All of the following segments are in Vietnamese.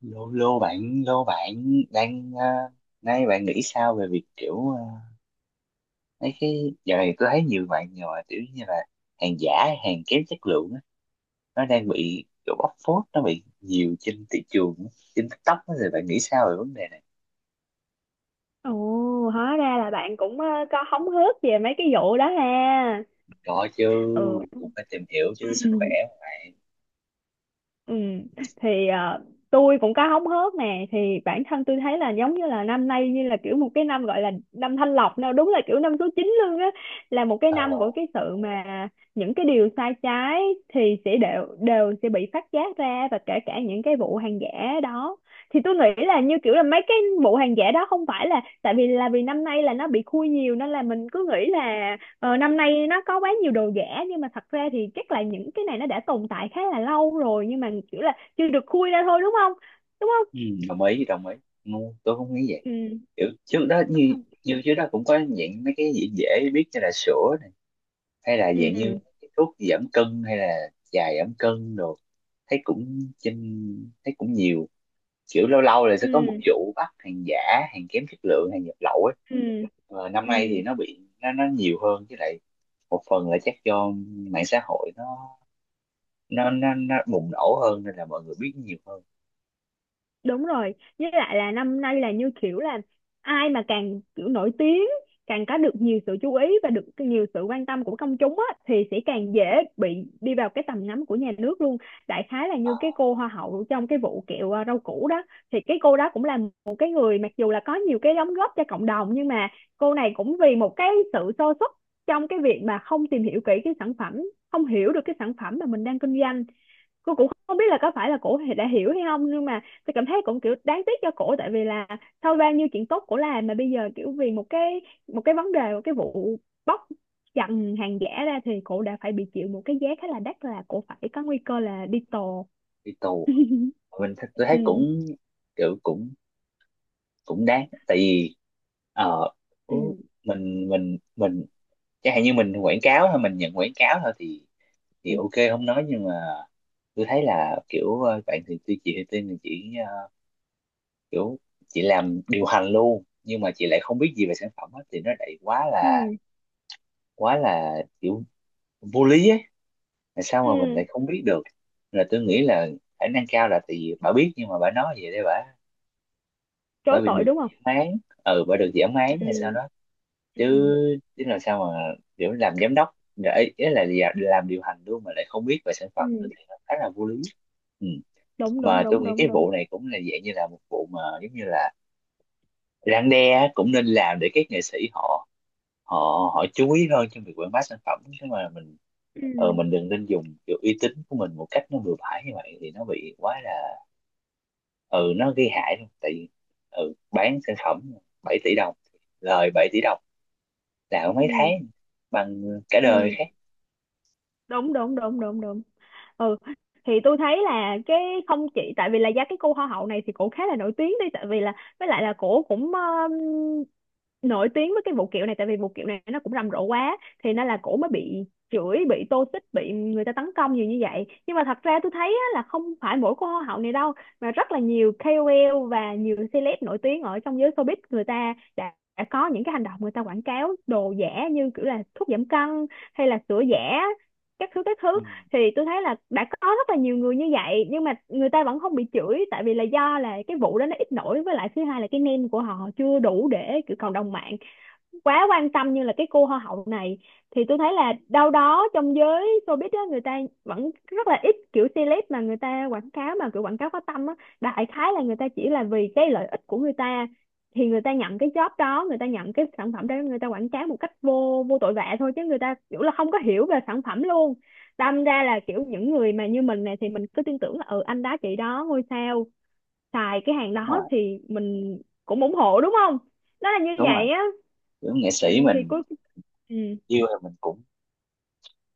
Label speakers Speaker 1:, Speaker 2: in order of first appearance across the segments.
Speaker 1: Lô lô bạn đang nay bạn nghĩ sao về việc kiểu mấy cái giờ này tôi thấy nhiều bạn rồi, kiểu như là hàng giả, hàng kém chất lượng á, nó đang bị kiểu bóc phốt, nó bị nhiều trên thị trường á, trên TikTok á, thì bạn nghĩ sao về vấn đề này?
Speaker 2: Ồ, hóa ra là bạn cũng có hóng hớt về mấy cái vụ đó ha.
Speaker 1: Có chứ, cũng phải tìm hiểu chứ, sức khỏe
Speaker 2: Ừ.
Speaker 1: mà bạn.
Speaker 2: Ừ, thì tôi cũng có hóng hớt nè. Thì bản thân tôi thấy là giống như là năm nay như là kiểu một cái năm gọi là năm thanh lọc nào, đúng là kiểu năm số 9 luôn á, là một cái
Speaker 1: ờ
Speaker 2: năm của cái sự mà những cái điều sai trái thì sẽ đều đều sẽ bị phát giác ra, và kể cả những cái vụ hàng giả đó. Thì tôi nghĩ là như kiểu là mấy cái vụ hàng giả đó không phải là tại vì là vì năm nay là nó bị khui nhiều, nên là mình cứ nghĩ là ờ, năm nay nó có quá nhiều đồ giả, nhưng mà thật ra thì chắc là những cái này nó đã tồn tại khá là lâu rồi, nhưng mà kiểu là chưa được khui ra thôi, đúng không? Đúng không?
Speaker 1: ừ, đồng ý đồng ý. Ừ, tôi không nghĩ vậy.
Speaker 2: Ừ.
Speaker 1: Kiểu trước đó,
Speaker 2: Đúng
Speaker 1: như
Speaker 2: không?
Speaker 1: như trước đó cũng có những mấy cái gì dễ biết, như là sữa, hay là
Speaker 2: Ừ.
Speaker 1: dạng như cái thuốc giảm cân, hay là trà giảm cân đồ, thấy cũng trên, thấy cũng nhiều, kiểu lâu lâu là sẽ có một
Speaker 2: Ừ.
Speaker 1: vụ bắt hàng giả, hàng kém chất lượng, hàng nhập lậu ấy.
Speaker 2: Ừ.
Speaker 1: Và năm nay thì
Speaker 2: Ừ.
Speaker 1: nó bị, nó nhiều hơn. Với lại một phần là chắc do mạng xã hội nó, nó bùng nổ hơn nên là mọi người biết nhiều hơn.
Speaker 2: Đúng rồi, với lại là năm nay là như kiểu là ai mà càng kiểu nổi tiếng, càng có được nhiều sự chú ý và được nhiều sự quan tâm của công chúng á, thì sẽ càng dễ bị đi vào cái tầm ngắm của nhà nước luôn. Đại khái là như cái cô hoa hậu trong cái vụ kẹo à, rau củ đó, thì cái cô đó cũng là một cái người, mặc dù là có nhiều cái đóng góp cho cộng đồng, nhưng mà cô này cũng vì một cái sự sơ suất trong cái việc mà không tìm hiểu kỹ cái sản phẩm, không hiểu được cái sản phẩm mà mình đang kinh doanh. Cô cũng không biết là có phải là cổ đã hiểu hay không, nhưng mà tôi cảm thấy cũng kiểu đáng tiếc cho cổ, tại vì là sau bao nhiêu chuyện tốt cổ làm mà bây giờ kiểu vì một cái, một cái vấn đề, một cái vụ bóc trần hàng giả ra, thì cổ đã phải bị chịu một cái giá khá là đắt, là cổ phải có nguy cơ là đi tù.
Speaker 1: Đi tù. Tôi
Speaker 2: Ừ,
Speaker 1: thấy cũng kiểu cũng cũng đáng, tại vì ờ,
Speaker 2: ừ,
Speaker 1: cũng- mình chẳng hạn như mình quảng cáo thôi, mình nhận quảng cáo thôi, thì
Speaker 2: ừ,
Speaker 1: ok không nói, nhưng mà tôi thấy là kiểu, bạn thì tuy chị thì Tiên, thì chị kiểu chị làm điều hành luôn, nhưng mà chị lại không biết gì về sản phẩm hết, thì nó lại quá là
Speaker 2: ừ,
Speaker 1: quá là kiểu vô lý ấy, là sao mà mình
Speaker 2: ừ.
Speaker 1: lại không biết được. Là tôi nghĩ là khả năng cao là tại vì bà biết, nhưng mà bà nói vậy để bà
Speaker 2: Chối
Speaker 1: bị
Speaker 2: tội
Speaker 1: được
Speaker 2: đúng không?
Speaker 1: giảm án, ừ bà được giảm án hay sao
Speaker 2: Ừ,
Speaker 1: đó. Chứ
Speaker 2: ừ,
Speaker 1: chứ làm sao mà kiểu làm giám đốc để ý là làm điều hành luôn mà lại không biết về sản phẩm được,
Speaker 2: ừ.
Speaker 1: thì nó khá là vô lý. Ừ.
Speaker 2: Đúng đúng
Speaker 1: Mà tôi
Speaker 2: đúng
Speaker 1: nghĩ
Speaker 2: đúng
Speaker 1: cái
Speaker 2: đúng.
Speaker 1: vụ này cũng là dạng như là một vụ mà giống như là răn đe á, cũng nên làm để các nghệ sĩ họ, họ họ chú ý hơn trong việc quảng bá sản phẩm. Chứ mà mình ờ
Speaker 2: Ừ,
Speaker 1: mình đừng nên dùng kiểu uy tín của mình một cách nó bừa bãi như vậy, thì nó bị quá là, ừ nó gây hại luôn. Tại vì ừ bán sản phẩm 7 tỷ đồng, lời 7 tỷ đồng là mấy
Speaker 2: ừ,
Speaker 1: tháng bằng cả đời
Speaker 2: ừ.
Speaker 1: khác.
Speaker 2: Đúng đúng đúng đúng đúng. Ừ, thì tôi thấy là cái, không chỉ tại vì là giá cái cô hoa hậu này thì cổ khá là nổi tiếng đi, tại vì là với lại là cổ cũng nổi tiếng với cái vụ kiểu này, tại vì vụ kiểu này nó cũng rầm rộ quá, thì nên là cổ mới bị chửi, bị tô xích, bị người ta tấn công nhiều như vậy. Nhưng mà thật ra tôi thấy á, là không phải mỗi cô hoa hậu này đâu, mà rất là nhiều KOL và nhiều celeb nổi tiếng ở trong giới showbiz, người ta đã có những cái hành động, người ta quảng cáo đồ giả như kiểu là thuốc giảm cân hay là sữa giả, các thứ các
Speaker 1: Ừ.
Speaker 2: thứ. Thì tôi thấy là đã có rất là nhiều người như vậy, nhưng mà người ta vẫn không bị chửi, tại vì là do là cái vụ đó nó ít nổi, với lại thứ hai là cái name của họ chưa đủ để kiểu cộng đồng mạng quá quan tâm như là cái cô hoa hậu này. Thì tôi thấy là đâu đó trong giới showbiz á, người ta vẫn rất là ít kiểu celeb mà người ta quảng cáo mà kiểu quảng cáo có tâm á. Đại khái là người ta chỉ là vì cái lợi ích của người ta, thì người ta nhận cái job đó, người ta nhận cái sản phẩm đó, người ta quảng cáo một cách vô vô tội vạ thôi, chứ người ta kiểu là không có hiểu về sản phẩm luôn. Đâm ra là kiểu những người mà như mình này thì mình cứ tin tưởng là ừ anh đó chị đó ngôi sao, xài cái hàng
Speaker 1: Đúng rồi
Speaker 2: đó thì mình cũng ủng hộ, đúng không? Nó là như
Speaker 1: đúng rồi.
Speaker 2: vậy á.
Speaker 1: Kiểu nghệ
Speaker 2: Ừ,
Speaker 1: sĩ
Speaker 2: thì
Speaker 1: mình
Speaker 2: cuối. Ừ,
Speaker 1: yêu thì mình cũng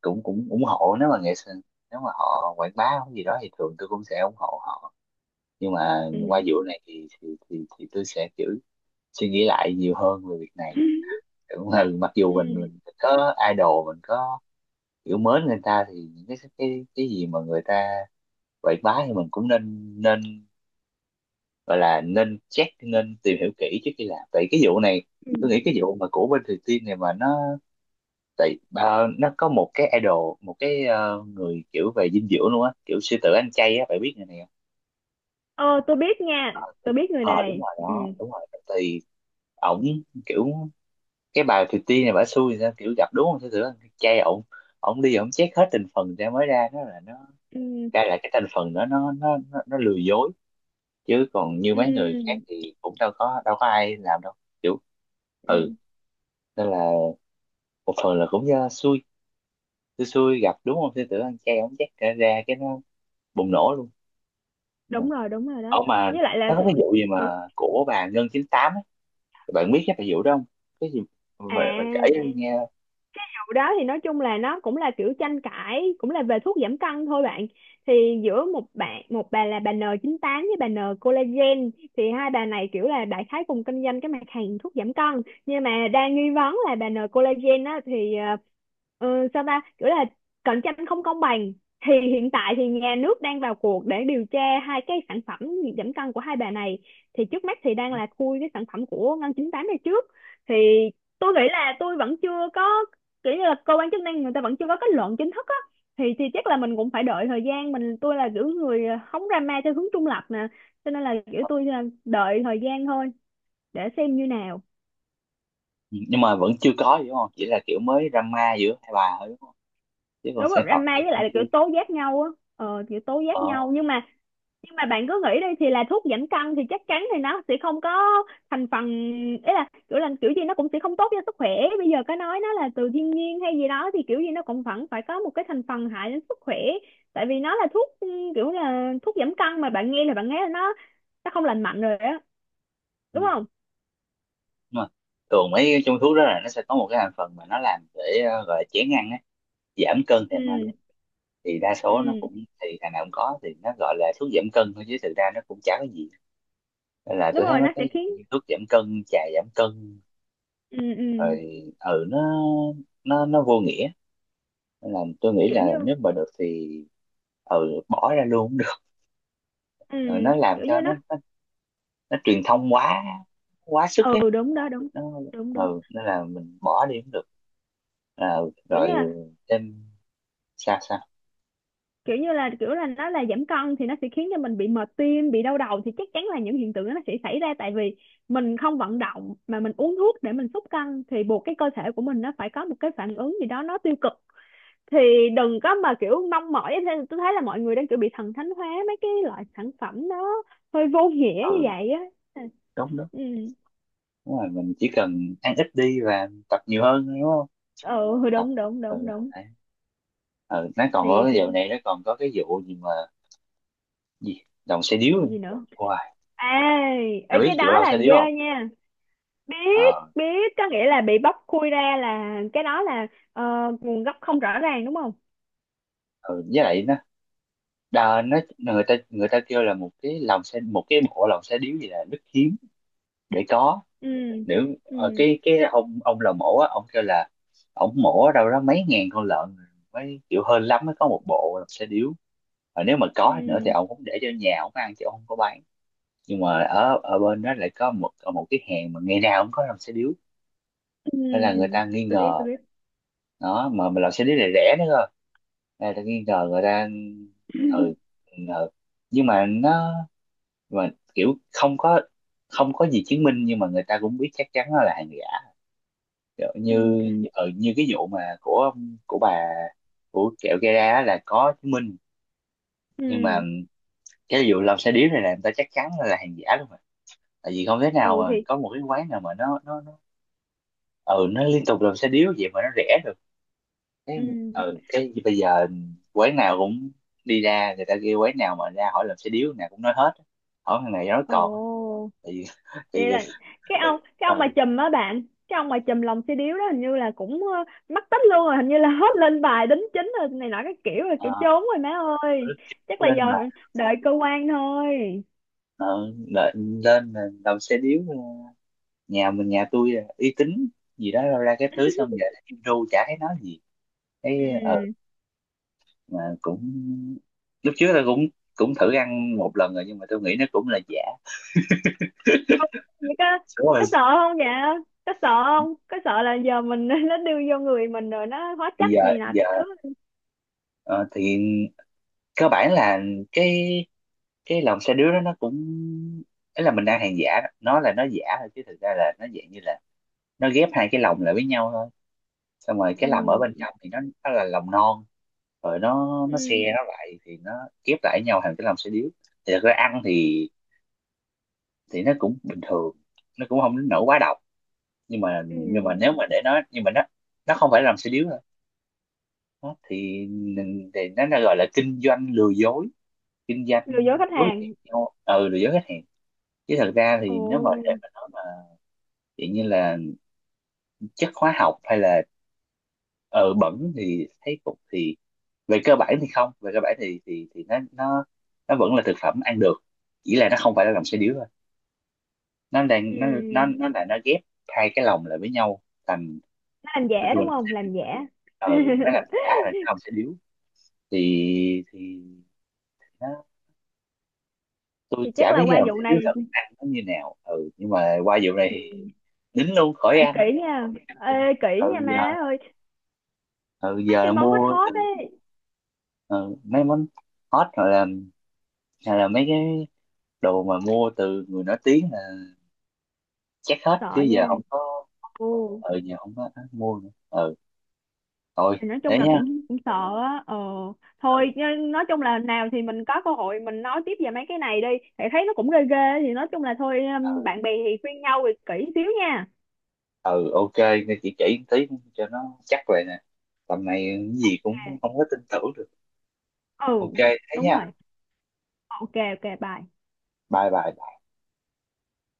Speaker 1: cũng cũng ủng hộ, nếu mà nghệ sĩ, nếu mà họ quảng bá cái gì đó thì thường tôi cũng sẽ ủng hộ họ. Nhưng mà qua
Speaker 2: ừ,
Speaker 1: vụ này thì, tôi sẽ kiểu suy nghĩ lại nhiều hơn về việc này. Cũng là mặc dù mình
Speaker 2: ừ,
Speaker 1: mình có idol, mình có kiểu mến người ta, thì những cái cái gì mà người ta quảng bá thì mình cũng nên nên gọi là nên check, nên tìm hiểu kỹ trước khi làm. Tại cái vụ này
Speaker 2: ừ.
Speaker 1: tôi nghĩ cái vụ mà của bên Thùy Tiên này mà nó, tại nó có một cái idol, một cái người kiểu về dinh dưỡng luôn á, kiểu sư tử ăn chay á, phải biết người này không?
Speaker 2: Ờ tôi biết nha, tôi biết người
Speaker 1: Ờ đúng
Speaker 2: này.
Speaker 1: rồi
Speaker 2: Ừ,
Speaker 1: đó, đúng rồi. Thì ổng kiểu, cái bà Thùy Tiên này bả xui thì sao kiểu gặp đúng không sư tử ăn chay, ổng ổng đi, ổng check hết thành phần ra mới ra nó là nó,
Speaker 2: ừ,
Speaker 1: ra là cái thành phần đó nó, nó lừa dối. Chứ còn như mấy người khác
Speaker 2: ừ,
Speaker 1: thì cũng đâu có, đâu có ai làm đâu, kiểu ừ.
Speaker 2: ừ.
Speaker 1: Nên là một phần là cũng do xui xui xui gặp đúng không sư tử ăn chay, ổng check ra ra cái nó bùng nổ luôn. Ừ.
Speaker 2: Đúng rồi đúng rồi
Speaker 1: Ở
Speaker 2: đó.
Speaker 1: mà
Speaker 2: Với lại là
Speaker 1: nó có
Speaker 2: tôi...
Speaker 1: cái vụ gì
Speaker 2: Hả?
Speaker 1: mà của bà Ngân 98 ấy. Bạn biết cái bà vụ đó không? Cái gì mà bạn kể
Speaker 2: À.
Speaker 1: cho em nghe.
Speaker 2: Đầu đó thì nói chung là nó cũng là kiểu tranh cãi, cũng là về thuốc giảm cân thôi bạn. Thì giữa một bạn, một bà là bà N98 với bà N collagen. Thì hai bà này kiểu là đại khái cùng kinh doanh cái mặt hàng thuốc giảm cân, nhưng mà đang nghi vấn là bà N collagen á thì sao ta, kiểu là cạnh tranh không công bằng. Thì hiện tại thì nhà nước đang vào cuộc để điều tra hai cái sản phẩm giảm cân của hai bà này. Thì trước mắt thì đang là khui cái sản phẩm của Ngân 98 này trước. Thì tôi nghĩ là tôi vẫn chưa có, kiểu như là cơ quan chức năng người ta vẫn chưa có kết luận chính thức á. Thì chắc là mình cũng phải đợi thời gian. Mình tôi là kiểu người hóng drama theo hướng trung lập nè, cho nên là kiểu tôi là đợi thời gian thôi, để xem như nào.
Speaker 1: Ừ, nhưng mà vẫn chưa có gì đúng không? Chỉ là kiểu mới drama giữa hai bà thôi đúng không? Chứ còn
Speaker 2: Đúng rồi,
Speaker 1: sản phẩm
Speaker 2: drama
Speaker 1: thì
Speaker 2: với
Speaker 1: cũng
Speaker 2: lại là kiểu
Speaker 1: chưa
Speaker 2: tố giác nhau á, ờ kiểu tố giác
Speaker 1: có.
Speaker 2: nhau. Nhưng mà bạn cứ nghĩ đi, thì là thuốc giảm cân thì chắc chắn thì nó sẽ không có thành phần, ý là kiểu gì nó cũng sẽ không tốt cho sức khỏe. Bây giờ có nói nó là từ thiên nhiên hay gì đó thì kiểu gì nó cũng vẫn phải có một cái thành phần hại đến sức khỏe, tại vì nó là thuốc. Ừ, Kiểu là thuốc giảm cân mà bạn nghe là nó không lành mạnh rồi á,
Speaker 1: Ừ.
Speaker 2: đúng không?
Speaker 1: Nhưng mà thường mấy cái trong thuốc đó là nó sẽ có một cái thành phần mà nó làm để gọi là chén ăn ấy, giảm cân thèm ăn
Speaker 2: Ừ.
Speaker 1: ấy. Thì đa số nó
Speaker 2: Ừ,
Speaker 1: cũng, thì thằng nào cũng có, thì nó gọi là thuốc giảm cân thôi chứ thực ra nó cũng chả có gì. Nên là
Speaker 2: đúng
Speaker 1: tôi thấy
Speaker 2: rồi,
Speaker 1: mấy
Speaker 2: nó sẽ
Speaker 1: cái
Speaker 2: khiến.
Speaker 1: thuốc giảm cân, trà giảm cân
Speaker 2: Ừ. Ừ,
Speaker 1: rồi ừ nó, nó vô nghĩa. Nên là tôi nghĩ
Speaker 2: kiểu
Speaker 1: là
Speaker 2: như.
Speaker 1: nếu mà được thì, ừ bỏ ra luôn cũng được.
Speaker 2: Ừ,
Speaker 1: Ừ, nó làm
Speaker 2: kiểu như
Speaker 1: cho nó
Speaker 2: nó.
Speaker 1: nó, nó truyền thông quá, quá sức ấy.
Speaker 2: Ừ, đúng đó, đúng,
Speaker 1: Nó
Speaker 2: đúng, đúng.
Speaker 1: ừ nên là mình bỏ đi cũng được. À,
Speaker 2: Kiểu như
Speaker 1: rồi,
Speaker 2: là,
Speaker 1: thêm, sao sao.
Speaker 2: kiểu là nó là giảm cân thì nó sẽ khiến cho mình bị mệt tim, bị đau đầu, thì chắc chắn là những hiện tượng đó nó sẽ xảy ra. Tại vì mình không vận động mà mình uống thuốc để mình xúc cân, thì buộc cái cơ thể của mình nó phải có một cái phản ứng gì đó nó tiêu cực. Thì đừng có mà kiểu mong mỏi thế. Tôi thấy là mọi người đang kiểu bị thần thánh hóa mấy cái loại sản phẩm nó hơi vô nghĩa như
Speaker 1: Ừ
Speaker 2: vậy á.
Speaker 1: đúng đúng.
Speaker 2: Ừ.
Speaker 1: Đúng rồi, mình chỉ cần ăn ít đi và tập nhiều hơn thôi, đúng không?
Speaker 2: Ừ, ừ,
Speaker 1: Tập
Speaker 2: đúng đúng
Speaker 1: ừ,
Speaker 2: đúng đúng.
Speaker 1: đấy. Ừ nó còn có
Speaker 2: Thì
Speaker 1: cái dạo này nó còn có cái vụ gì mà gì lòng xe
Speaker 2: vụ
Speaker 1: điếu.
Speaker 2: gì nữa?
Speaker 1: Wow,
Speaker 2: À, ấy
Speaker 1: mày
Speaker 2: cái
Speaker 1: biết vụ
Speaker 2: đó
Speaker 1: lòng
Speaker 2: là
Speaker 1: xe
Speaker 2: ghê
Speaker 1: điếu không?
Speaker 2: nha. Biết
Speaker 1: Ờ.
Speaker 2: biết, có nghĩa là bị bóc khui ra là cái đó là ờ, nguồn gốc không rõ ràng, đúng không?
Speaker 1: Ừ, với lại nó, đà, nó người ta kêu là một cái lòng xe, một cái bộ lòng xe điếu gì là rất hiếm để có.
Speaker 2: Ừ,
Speaker 1: Nếu
Speaker 2: ừ,
Speaker 1: cái cái ông lò mổ á, ông kêu là ông mổ ở đâu đó mấy ngàn con lợn mới kiểu hơn lắm mới có một bộ lòng xe điếu. Và nếu mà có nữa thì
Speaker 2: ừ,
Speaker 1: ông cũng để cho nhà ông ăn chứ ông không có bán. Nhưng mà ở ở bên đó lại có một một cái hàng mà ngày nào cũng có lòng xe điếu,
Speaker 2: ừ.
Speaker 1: nên là người ta nghi
Speaker 2: Tôi biết
Speaker 1: ngờ.
Speaker 2: tôi biết.
Speaker 1: Đó mà mình làm xe buýt này rẻ nữa cơ. Đây tôi nghi ngờ người ta. Ừ, ừ. Nhưng mà nó mà kiểu không có gì chứng minh, nhưng mà người ta cũng biết chắc chắn nó là hàng giả. Kiểu như
Speaker 2: Ừ,
Speaker 1: ừ, như cái vụ mà của bà, của kẹo Gara á, là có chứng minh. Nhưng mà
Speaker 2: ừ,
Speaker 1: cái vụ làm xe điếu này là người ta chắc chắn là hàng giả luôn mà. Tại vì không thể nào
Speaker 2: ừ.
Speaker 1: mà
Speaker 2: Thì.
Speaker 1: có một cái quán nào mà nó liên tục làm xe điếu vậy mà nó rẻ được. cái
Speaker 2: Ừ.
Speaker 1: ờ, cái bây giờ quán nào cũng, đi ra người ta kêu quán nào mà ra hỏi làm xe điếu nào cũng nói hết, hỏi thằng này nói
Speaker 2: Ồ,
Speaker 1: còn, tại vì
Speaker 2: vậy
Speaker 1: tại vì
Speaker 2: là
Speaker 1: ừ,
Speaker 2: cái ông
Speaker 1: ờ,
Speaker 2: mà chùm á bạn, cái ông mà chùm lòng xe điếu đó hình như là cũng mắc tích luôn rồi, hình như là hết lên bài đính chính rồi này nọ, cái kiểu là
Speaker 1: ờ,
Speaker 2: kiểu trốn rồi má ơi. Chắc là giờ
Speaker 1: lên mà
Speaker 2: phải đợi cơ quan thôi.
Speaker 1: ờ, lên lên là làm xe điếu nhà mình, nhà tôi là uy tín gì đó, ra ra cái thứ xong giờ thấy kim ru chả thấy nói gì. Cái ờ
Speaker 2: Ừ.
Speaker 1: mà cũng lúc trước là cũng cũng thử ăn một lần rồi nhưng mà tôi nghĩ nó cũng là giả.
Speaker 2: Ông vậy
Speaker 1: Đúng rồi.
Speaker 2: có sợ không vậy? Có sợ không? Có sợ là giờ mình, nó đưa vô người mình rồi nó hóa
Speaker 1: Bây
Speaker 2: chất
Speaker 1: giờ
Speaker 2: này nọ
Speaker 1: giờ
Speaker 2: thứ.
Speaker 1: ờ, thì cơ bản là cái cái lòng xe đứa đó nó cũng, ấy là mình đang hàng giả đó. Nó là nó giả thôi, chứ thực ra là nó dạng như là nó ghép hai cái lòng lại với nhau thôi. Xong rồi cái lòng ở bên
Speaker 2: Ừ,
Speaker 1: trong thì nó là lòng non, rồi nó
Speaker 2: ừ,
Speaker 1: xe nó lại thì nó ghép lại với nhau thành cái lòng xe điếu. Thì thật ra ăn thì nó cũng bình thường, nó cũng không đến nỗi quá độc. nhưng mà nhưng
Speaker 2: ừ,
Speaker 1: mà nếu mà để nó nhưng mà nó không phải là lòng xe điếu thôi. Đó, thì nó là gọi là kinh doanh lừa dối, kinh doanh
Speaker 2: lừa dối khách
Speaker 1: dối gạt
Speaker 2: hàng.
Speaker 1: nhau, ừ lừa dối khách hàng. Chứ thật ra
Speaker 2: Ồ.
Speaker 1: thì nếu mà để mà nói mà vậy như là chất hóa học hay là ờ bẩn thì thấy cũng thì về cơ bản thì không, về cơ bản thì nó vẫn là thực phẩm ăn được, chỉ là nó không phải là lòng xe điếu thôi. Nó đang nó nó
Speaker 2: Ừ,
Speaker 1: nó là nó ghép hai cái lòng lại với nhau thành
Speaker 2: nó làm
Speaker 1: vừa
Speaker 2: giả đúng
Speaker 1: lòng xe
Speaker 2: không?
Speaker 1: điếu.
Speaker 2: Làm giả.
Speaker 1: Ờ nó là giả là cái lòng xe điếu. Thì nó, tôi
Speaker 2: Thì chắc
Speaker 1: chả
Speaker 2: là
Speaker 1: biết cái
Speaker 2: qua
Speaker 1: lòng
Speaker 2: vụ
Speaker 1: xe điếu
Speaker 2: này
Speaker 1: thật ăn nó như nào, ừ nhưng mà qua vụ này thì đính luôn khỏi
Speaker 2: phải
Speaker 1: ăn.
Speaker 2: kỹ nha. Ê, kỹ
Speaker 1: Ừ
Speaker 2: nha
Speaker 1: giờ,
Speaker 2: má ơi,
Speaker 1: ừ
Speaker 2: mấy
Speaker 1: giờ là
Speaker 2: cái món hot
Speaker 1: mua
Speaker 2: hot
Speaker 1: từ,
Speaker 2: ấy,
Speaker 1: ừ, mấy món hot rồi là, hay là mấy cái đồ mà mua từ người nổi tiếng là chắc hết
Speaker 2: sợ
Speaker 1: chứ
Speaker 2: nha.
Speaker 1: giờ không có.
Speaker 2: Ồ,
Speaker 1: Ừ giờ không có mua nữa. Ừ thôi,
Speaker 2: thì nói
Speaker 1: thế
Speaker 2: chung là
Speaker 1: nhá.
Speaker 2: cũng cũng sợ á. Ờ thôi,
Speaker 1: Ừ
Speaker 2: nhưng nói chung là nào thì mình có cơ hội mình nói tiếp về mấy cái này đi, thì thấy nó cũng ghê ghê. Thì nói chung là thôi,
Speaker 1: ừ
Speaker 2: bạn bè thì khuyên nhau thì kỹ xíu nha.
Speaker 1: ừ ok, nghe chị chỉ một tí cho nó chắc vậy nè, tầm này cái gì cũng
Speaker 2: Ok.
Speaker 1: không có tin tưởng được. Ok,
Speaker 2: Ừ.
Speaker 1: thế
Speaker 2: Đúng
Speaker 1: nhá.
Speaker 2: rồi. Ok, ok, bye.
Speaker 1: Bye bye.